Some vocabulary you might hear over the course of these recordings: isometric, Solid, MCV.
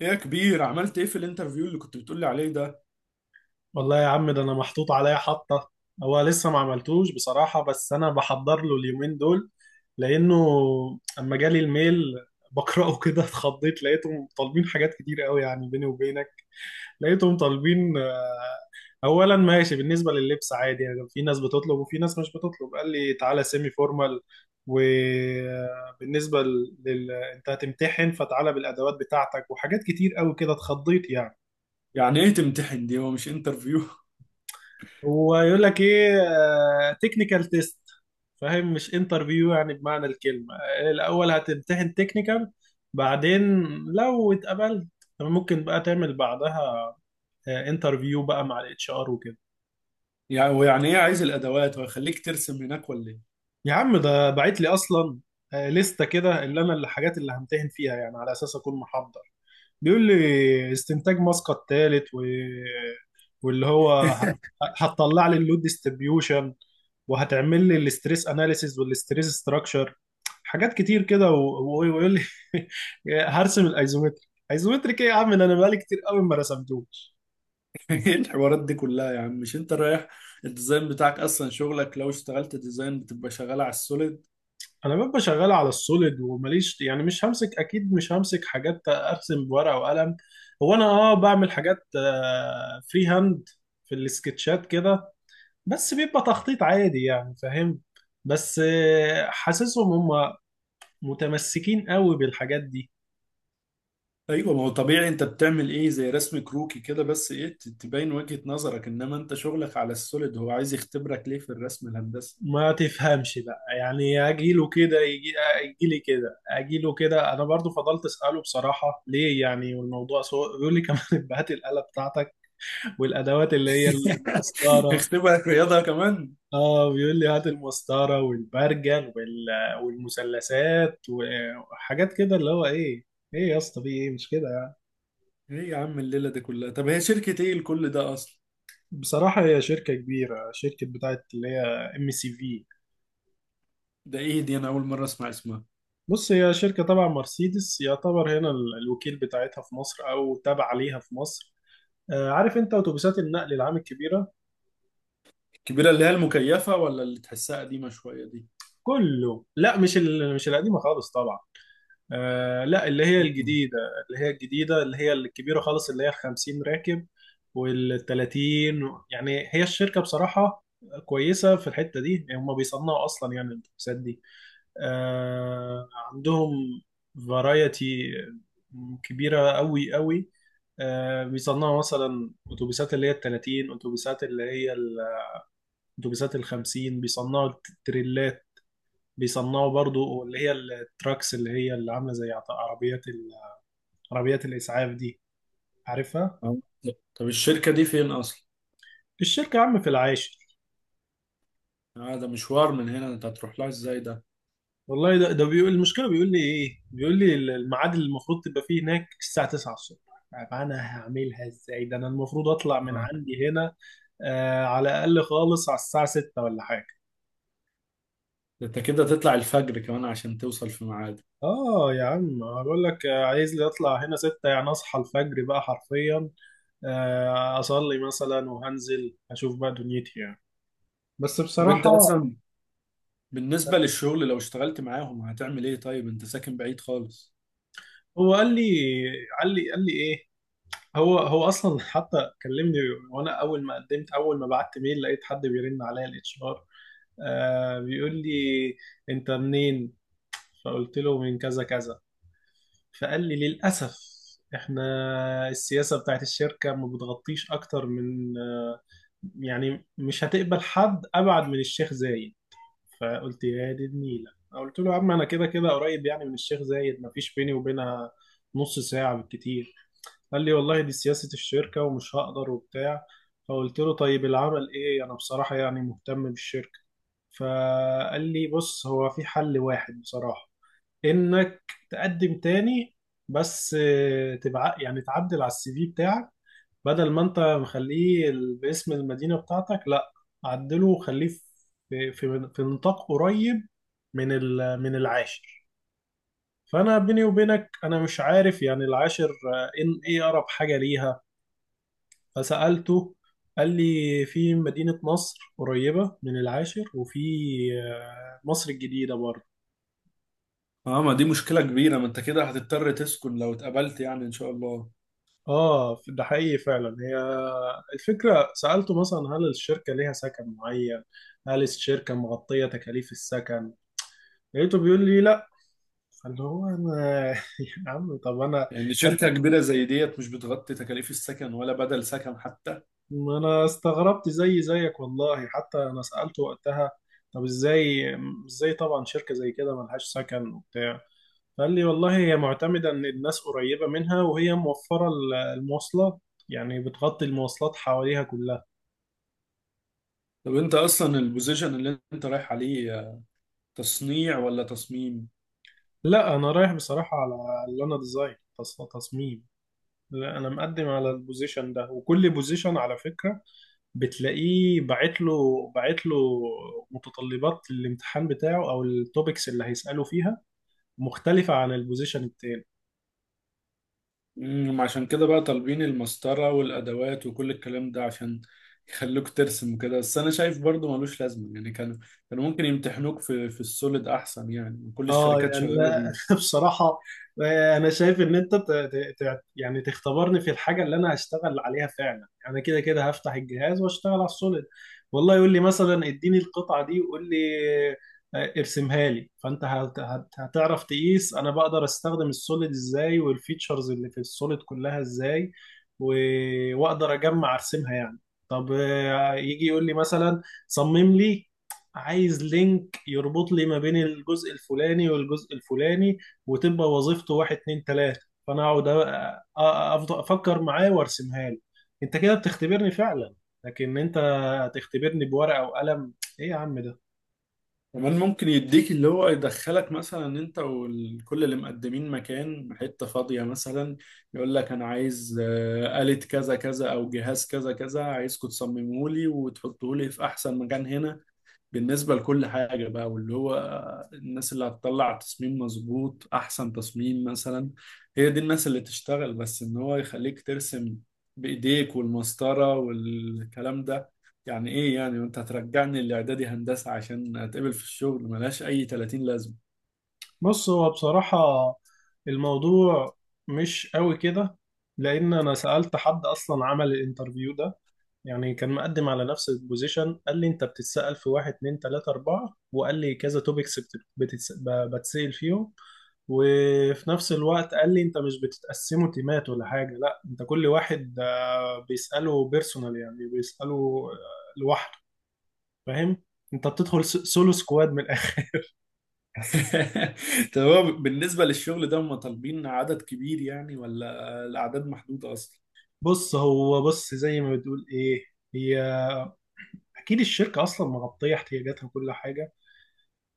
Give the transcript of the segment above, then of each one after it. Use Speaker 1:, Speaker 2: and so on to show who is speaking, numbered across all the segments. Speaker 1: ايه يا كبير، عملت ايه في الانترفيو اللي كنت بتقولي عليه ده؟
Speaker 2: والله يا عم ده انا محطوط عليا حطه. هو لسه ما عملتوش بصراحه، بس انا بحضر له اليومين دول لانه اما جالي الميل بقراه كده اتخضيت. لقيتهم طالبين حاجات كتير قوي، يعني بيني وبينك لقيتهم طالبين اولا ماشي. بالنسبه لللبس عادي، يعني في ناس بتطلب وفي ناس مش بتطلب، قال لي تعالى سيمي فورمال. وبالنسبه لل... انت هتمتحن، فتعالى بالادوات بتاعتك وحاجات كتير قوي كده. اتخضيت يعني.
Speaker 1: يعني ايه تمتحن دي؟ هو مش انترفيو؟
Speaker 2: هو يقول لك ايه؟ تكنيكال تيست. فاهم؟ مش انترفيو يعني بمعنى الكلمة. الأول هتمتحن تكنيكال، بعدين لو اتقبلت ممكن بقى تعمل بعدها انترفيو بقى مع الاتش ار وكده.
Speaker 1: يعني ايه عايز الادوات ويخليك ترسم هناك ولا ايه؟
Speaker 2: يا عم ده بعت لي اصلا لستة كده اللي انا الحاجات اللي همتحن فيها، يعني على اساس اكون محضر. بيقول لي استنتاج ماسكة التالت و... واللي هو ه- هتطلع لي اللود ديستريبيوشن، وهتعمل لي الاستريس اناليسيز والاستريس ستراكشر، حاجات كتير كده ويقول لي هرسم الايزومتريك. ايزومتريك ايه يا عم؟ ده انا بقالي كتير قوي ما رسمتوش.
Speaker 1: ايه الحوارات دي كلها يا عم؟ مش انت رايح الديزاين بتاعك؟ اصلا شغلك لو اشتغلت ديزاين بتبقى شغال على السوليد.
Speaker 2: انا ببقى شغال على السوليد وماليش، يعني مش همسك، اكيد مش همسك حاجات ارسم بورقه وقلم. هو انا اه بعمل حاجات فري هاند في السكتشات كده، بس بيبقى تخطيط عادي يعني، فاهم؟ بس حاسسهم هم متمسكين قوي بالحاجات دي.
Speaker 1: ايوه، ما هو طبيعي. انت بتعمل ايه زي رسم كروكي كده بس، ايه تبين وجهة نظرك، انما انت شغلك على السوليد. هو عايز يختبرك ليه في الرسم الهندسي؟
Speaker 2: ما تفهمش بقى، يعني اجيله كده يجيلي كده اجيله كده. انا برضو فضلت اساله بصراحه ليه يعني، والموضوع سوء، بيقول لي كمان هات الاله بتاعتك والادوات اللي هي المسطره.
Speaker 1: يختبرك رياضة كمان؟
Speaker 2: اه بيقول لي هات المسطره والبرجل والمثلثات وحاجات كده، اللي هو ايه؟ ايه يا اسطى؟ في ايه مش كده؟
Speaker 1: ايه يا عم الليلة دي كلها؟ طب هي شركة ايه لكل ده اصلا؟
Speaker 2: بصراحة هي شركة كبيرة، شركة بتاعت اللي هي ام سي في.
Speaker 1: ده ايه دي؟ انا اول مرة اسمع اسمها.
Speaker 2: بص، هي شركة تبع مرسيدس، يعتبر هنا الوكيل بتاعتها في مصر، أو تابع ليها في مصر. عارف أنت أتوبيسات النقل العام الكبيرة؟
Speaker 1: الكبيرة اللي هي المكيفة، ولا اللي تحسها قديمة شوية دي؟
Speaker 2: كله لا، مش مش القديمة خالص طبعا. لا، اللي هي
Speaker 1: مم.
Speaker 2: الجديدة. اللي هي الجديدة اللي هي الكبيرة خالص، اللي هي 50 راكب، وال 30. يعني هي الشركة بصراحة كويسة في الحتة دي، يعني هم بيصنعوا أصلا يعني الأتوبيسات دي. عندهم فرايتي كبيرة قوي قوي. بيصنعوا مثلا أتوبيسات اللي هي التلاتين، أتوبيسات أتوبيسات الخمسين، بيصنعوا تريلات، بيصنعوا برضو اللي هي التراكس اللي هي اللي عاملة زي عربيات عربيات الإسعاف دي، عارفها؟
Speaker 1: آه. طب الشركة دي فين اصلا؟
Speaker 2: الشركة يا عم في العاشر.
Speaker 1: آه، ده مشوار من هنا، انت هتروح لها ازاي ده؟
Speaker 2: والله ده بيقول المشكله، بيقول لي ايه، بيقول لي الميعاد اللي المفروض تبقى فيه هناك الساعه 9 الصبح. طب انا هعملها ازاي ده؟ انا المفروض اطلع من
Speaker 1: آه.
Speaker 2: عندي هنا آه على الاقل خالص على الساعه 6 ولا حاجه.
Speaker 1: ده انت كده تطلع الفجر كمان عشان توصل في ميعاد.
Speaker 2: اه يا عم هقول لك، عايز لي اطلع هنا 6، يعني اصحى الفجر بقى حرفيا. آه اصلي مثلا وهنزل اشوف بقى دنيتي يعني. بس
Speaker 1: طب انت
Speaker 2: بصراحه،
Speaker 1: اصلا بالنسبة للشغل لو اشتغلت معاهم هتعمل ايه؟ طيب انت ساكن بعيد خالص.
Speaker 2: هو قال لي، قال لي ايه، هو اصلا حتى كلمني، وانا اول ما بعت ميل لقيت حد بيرن عليا الاتش ار، بيقول لي انت منين؟ فقلت له من كذا كذا. فقال لي للاسف احنا السياسه بتاعت الشركه ما بتغطيش اكتر من يعني مش هتقبل حد ابعد من الشيخ زايد. فقلت يا دي النيله، قلت له يا عم انا كده كده قريب يعني من الشيخ زايد، ما فيش بيني وبينها نص ساعه بالكتير. قال لي والله دي سياسة الشركة ومش هقدر وبتاع. فقلت له طيب العمل ايه؟ انا بصراحة يعني مهتم بالشركة. فقال لي بص، هو في حل واحد بصراحة، انك تقدم تاني بس تبع يعني تعدل على السي في بتاعك. بدل ما انت مخليه باسم المدينة بتاعتك، لا عدله وخليه في نطاق قريب من من العاشر. فانا بيني وبينك انا مش عارف يعني العاشر ان ايه اقرب حاجة ليها. فسألته، قال لي في مدينة نصر قريبة من العاشر، وفي مصر الجديدة برضه.
Speaker 1: اه، ما دي مشكلة كبيرة، ما انت كده هتضطر تسكن لو اتقبلت يعني، ان شاء الله.
Speaker 2: اه ده حقيقي فعلا. هي الفكرة سألته مثلا هل الشركة ليها سكن معين؟ هل الشركة مغطية تكاليف السكن؟ لقيته بيقول لي لا. فاللي هو انا يا عم طب انا،
Speaker 1: يعني
Speaker 2: انا
Speaker 1: شركة كبيرة زي ديت مش بتغطي تكاليف السكن ولا بدل سكن حتى؟
Speaker 2: ما أنا استغربت زي زيك والله، حتى انا سألته وقتها طب ازاي؟ ازاي طبعا شركة زي كده ملهاش سكن وبتاع؟ قال لي والله هي معتمدة إن الناس قريبة منها، وهي موفرة المواصلات، يعني بتغطي المواصلات حواليها كلها.
Speaker 1: طب انت اصلا البوزيشن اللي انت رايح عليه تصنيع ولا تصميم؟
Speaker 2: لا أنا رايح بصراحة على اللي أنا ديزاين، تصميم. لا أنا مقدم على البوزيشن ده، وكل بوزيشن على فكرة بتلاقيه باعت له، باعت له متطلبات الامتحان بتاعه أو التوبكس اللي هيسأله فيها مختلفة عن البوزيشن التاني.
Speaker 1: عشان كده بقى طالبين المسطرة والادوات وكل الكلام ده عشان يخلوك ترسم وكده، بس انا شايف برضو ملوش لازمة. يعني كانوا كانوا ممكن يمتحنوك في السوليد احسن، يعني كل
Speaker 2: اه
Speaker 1: الشركات
Speaker 2: يعني
Speaker 1: شغالة
Speaker 2: انا
Speaker 1: بيه.
Speaker 2: بصراحه، انا شايف ان انت يعني تختبرني في الحاجه اللي انا هشتغل عليها فعلا. يعني انا كده كده هفتح الجهاز واشتغل على السوليد، والله يقول لي مثلا اديني القطعه دي وقول لي ارسمها لي، فانت هتعرف تقيس انا بقدر استخدم السوليد ازاي، والفيتشرز اللي في السوليد كلها ازاي، واقدر اجمع ارسمها يعني. طب يجي يقول لي مثلا صمم لي، عايز لينك يربط لي ما بين الجزء الفلاني والجزء الفلاني، وتبقى وظيفته واحد اتنين تلاتة. فانا اقعد افضل افكر معاه وارسمها له. انت كده بتختبرني فعلا، لكن انت هتختبرني بورقة وقلم؟ ايه يا عم ده!
Speaker 1: كمان ممكن يديك اللي هو يدخلك مثلا انت وكل اللي مقدمين مكان حتة فاضية مثلا، يقول لك انا عايز آلة كذا كذا او جهاز كذا كذا، عايزكم تصمموه لي وتحطوه لي في احسن مكان هنا بالنسبة لكل حاجة بقى. واللي هو الناس اللي هتطلع تصميم مظبوط، أحسن تصميم مثلا، هي دي الناس اللي تشتغل. بس إن هو يخليك ترسم بإيديك والمسطرة والكلام ده يعني إيه يعني؟ وأنت هترجعني الإعدادي هندسة عشان أتقبل في الشغل؟ ملهاش أي 30 لازمة.
Speaker 2: بص، هو بصراحة الموضوع مش قوي كده، لان انا سألت حد اصلا عمل الانترفيو ده، يعني كان مقدم على نفس البوزيشن، قال لي انت بتتسأل في واحد اتنين تلاتة اربعة، وقال لي كذا توبكس بتتسأل فيهم. وفي نفس الوقت قال لي انت مش بتتقسموا تيمات ولا حاجة، لا انت كل واحد بيسأله بيرسونال، يعني بيسأله لوحده، فاهم؟ انت بتدخل سولو سكواد من الاخر.
Speaker 1: طب هو بالنسبة للشغل ده هم طالبين عدد كبير يعني، ولا الأعداد محدودة أصلا؟
Speaker 2: بص، هو بص زي ما بتقول ايه، هي اكيد الشركة اصلا مغطية احتياجاتها وكل حاجة،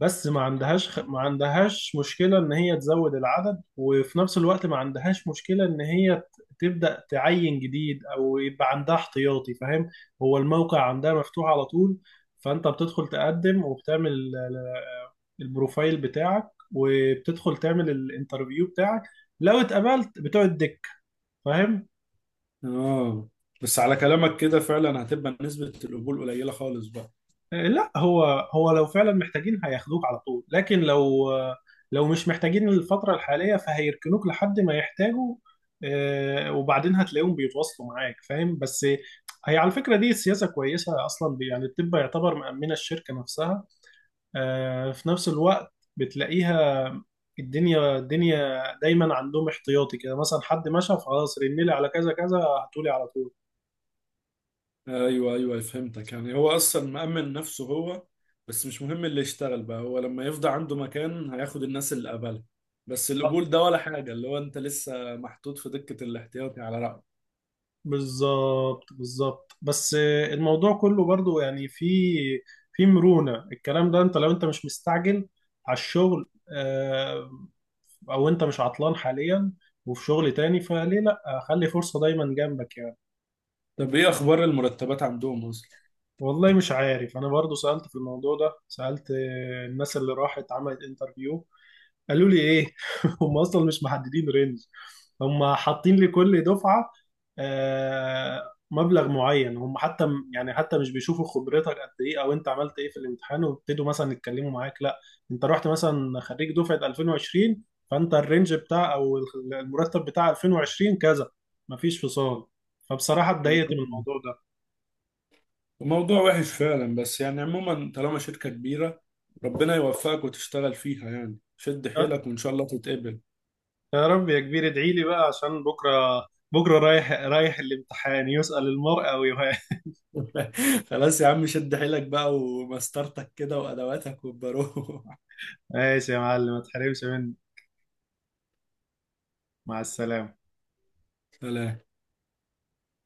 Speaker 2: بس ما عندهاش ما عندهاش مشكلة إن هي تزود العدد، وفي نفس الوقت ما عندهاش مشكلة إن هي تبدأ تعين جديد، أو يبقى عندها احتياطي، فاهم؟ هو الموقع عندها مفتوح على طول، فأنت بتدخل تقدم، وبتعمل البروفايل بتاعك، وبتدخل تعمل الانترفيو بتاعك، لو اتقبلت بتقعد دك، فاهم؟
Speaker 1: آه. بس على كلامك كده فعلا هتبقى نسبة القبول قليلة خالص بقى.
Speaker 2: لا هو، هو لو فعلا محتاجين هياخدوك على طول، لكن لو لو مش محتاجين الفترة الحالية فهيركنوك لحد ما يحتاجوا، وبعدين هتلاقيهم بيتواصلوا معاك، فاهم؟ بس هي على فكرة دي سياسة كويسة أصلا، يعني الطب يعتبر مأمنة الشركة نفسها، في نفس الوقت بتلاقيها الدنيا دايما عندهم احتياطي كده، مثلا حد مشى فخلاص رن لي على كذا كذا هتقولي على طول.
Speaker 1: ايوه ايوه، فهمتك. يعني هو اصلا مأمن نفسه هو، بس مش مهم اللي يشتغل بقى، هو لما يفضى عنده مكان هياخد الناس اللي قبلها. بس القبول ده ولا حاجة، اللي هو انت لسه محطوط في دكة الاحتياطي على رأيك.
Speaker 2: بالظبط بالظبط، بس الموضوع كله برضو يعني في في مرونة. الكلام ده انت لو انت مش مستعجل على الشغل او انت مش عطلان حاليا وفي شغل تاني، فليه لا، خلي فرصة دايما جنبك يعني.
Speaker 1: طب ايه اخبار المرتبات عندهم اصلا؟
Speaker 2: والله مش عارف، انا برضو سألت في الموضوع ده، سألت الناس اللي راحت عملت انترفيو، قالوا لي ايه هم اصلا مش محددين رينج، هم حاطين لكل دفعه مبلغ معين، هم حتى يعني حتى مش بيشوفوا خبرتك قد ايه او انت عملت ايه في الامتحان ويبتدوا مثلا يتكلموا معاك، لا انت رحت مثلا خريج دفعه 2020، فانت الرينج بتاع او المرتب بتاع 2020 كذا، مفيش فصال. فبصراحه اتضايقت من الموضوع ده.
Speaker 1: موضوع وحش فعلا، بس يعني عموما طالما شركة كبيرة، ربنا يوفقك وتشتغل فيها. يعني شد
Speaker 2: أه،
Speaker 1: حيلك وان شاء الله تتقبل.
Speaker 2: يا رب يا كبير، ادعي لي بقى عشان بكره، بكره رايح الامتحان، يسأل المرء ويهان.
Speaker 1: خلاص يا عم، شد حيلك بقى ومسطرتك كده وادواتك، وبروح.
Speaker 2: ماشي يا معلم، ما تحرمش مني. مع السلامة.
Speaker 1: سلام.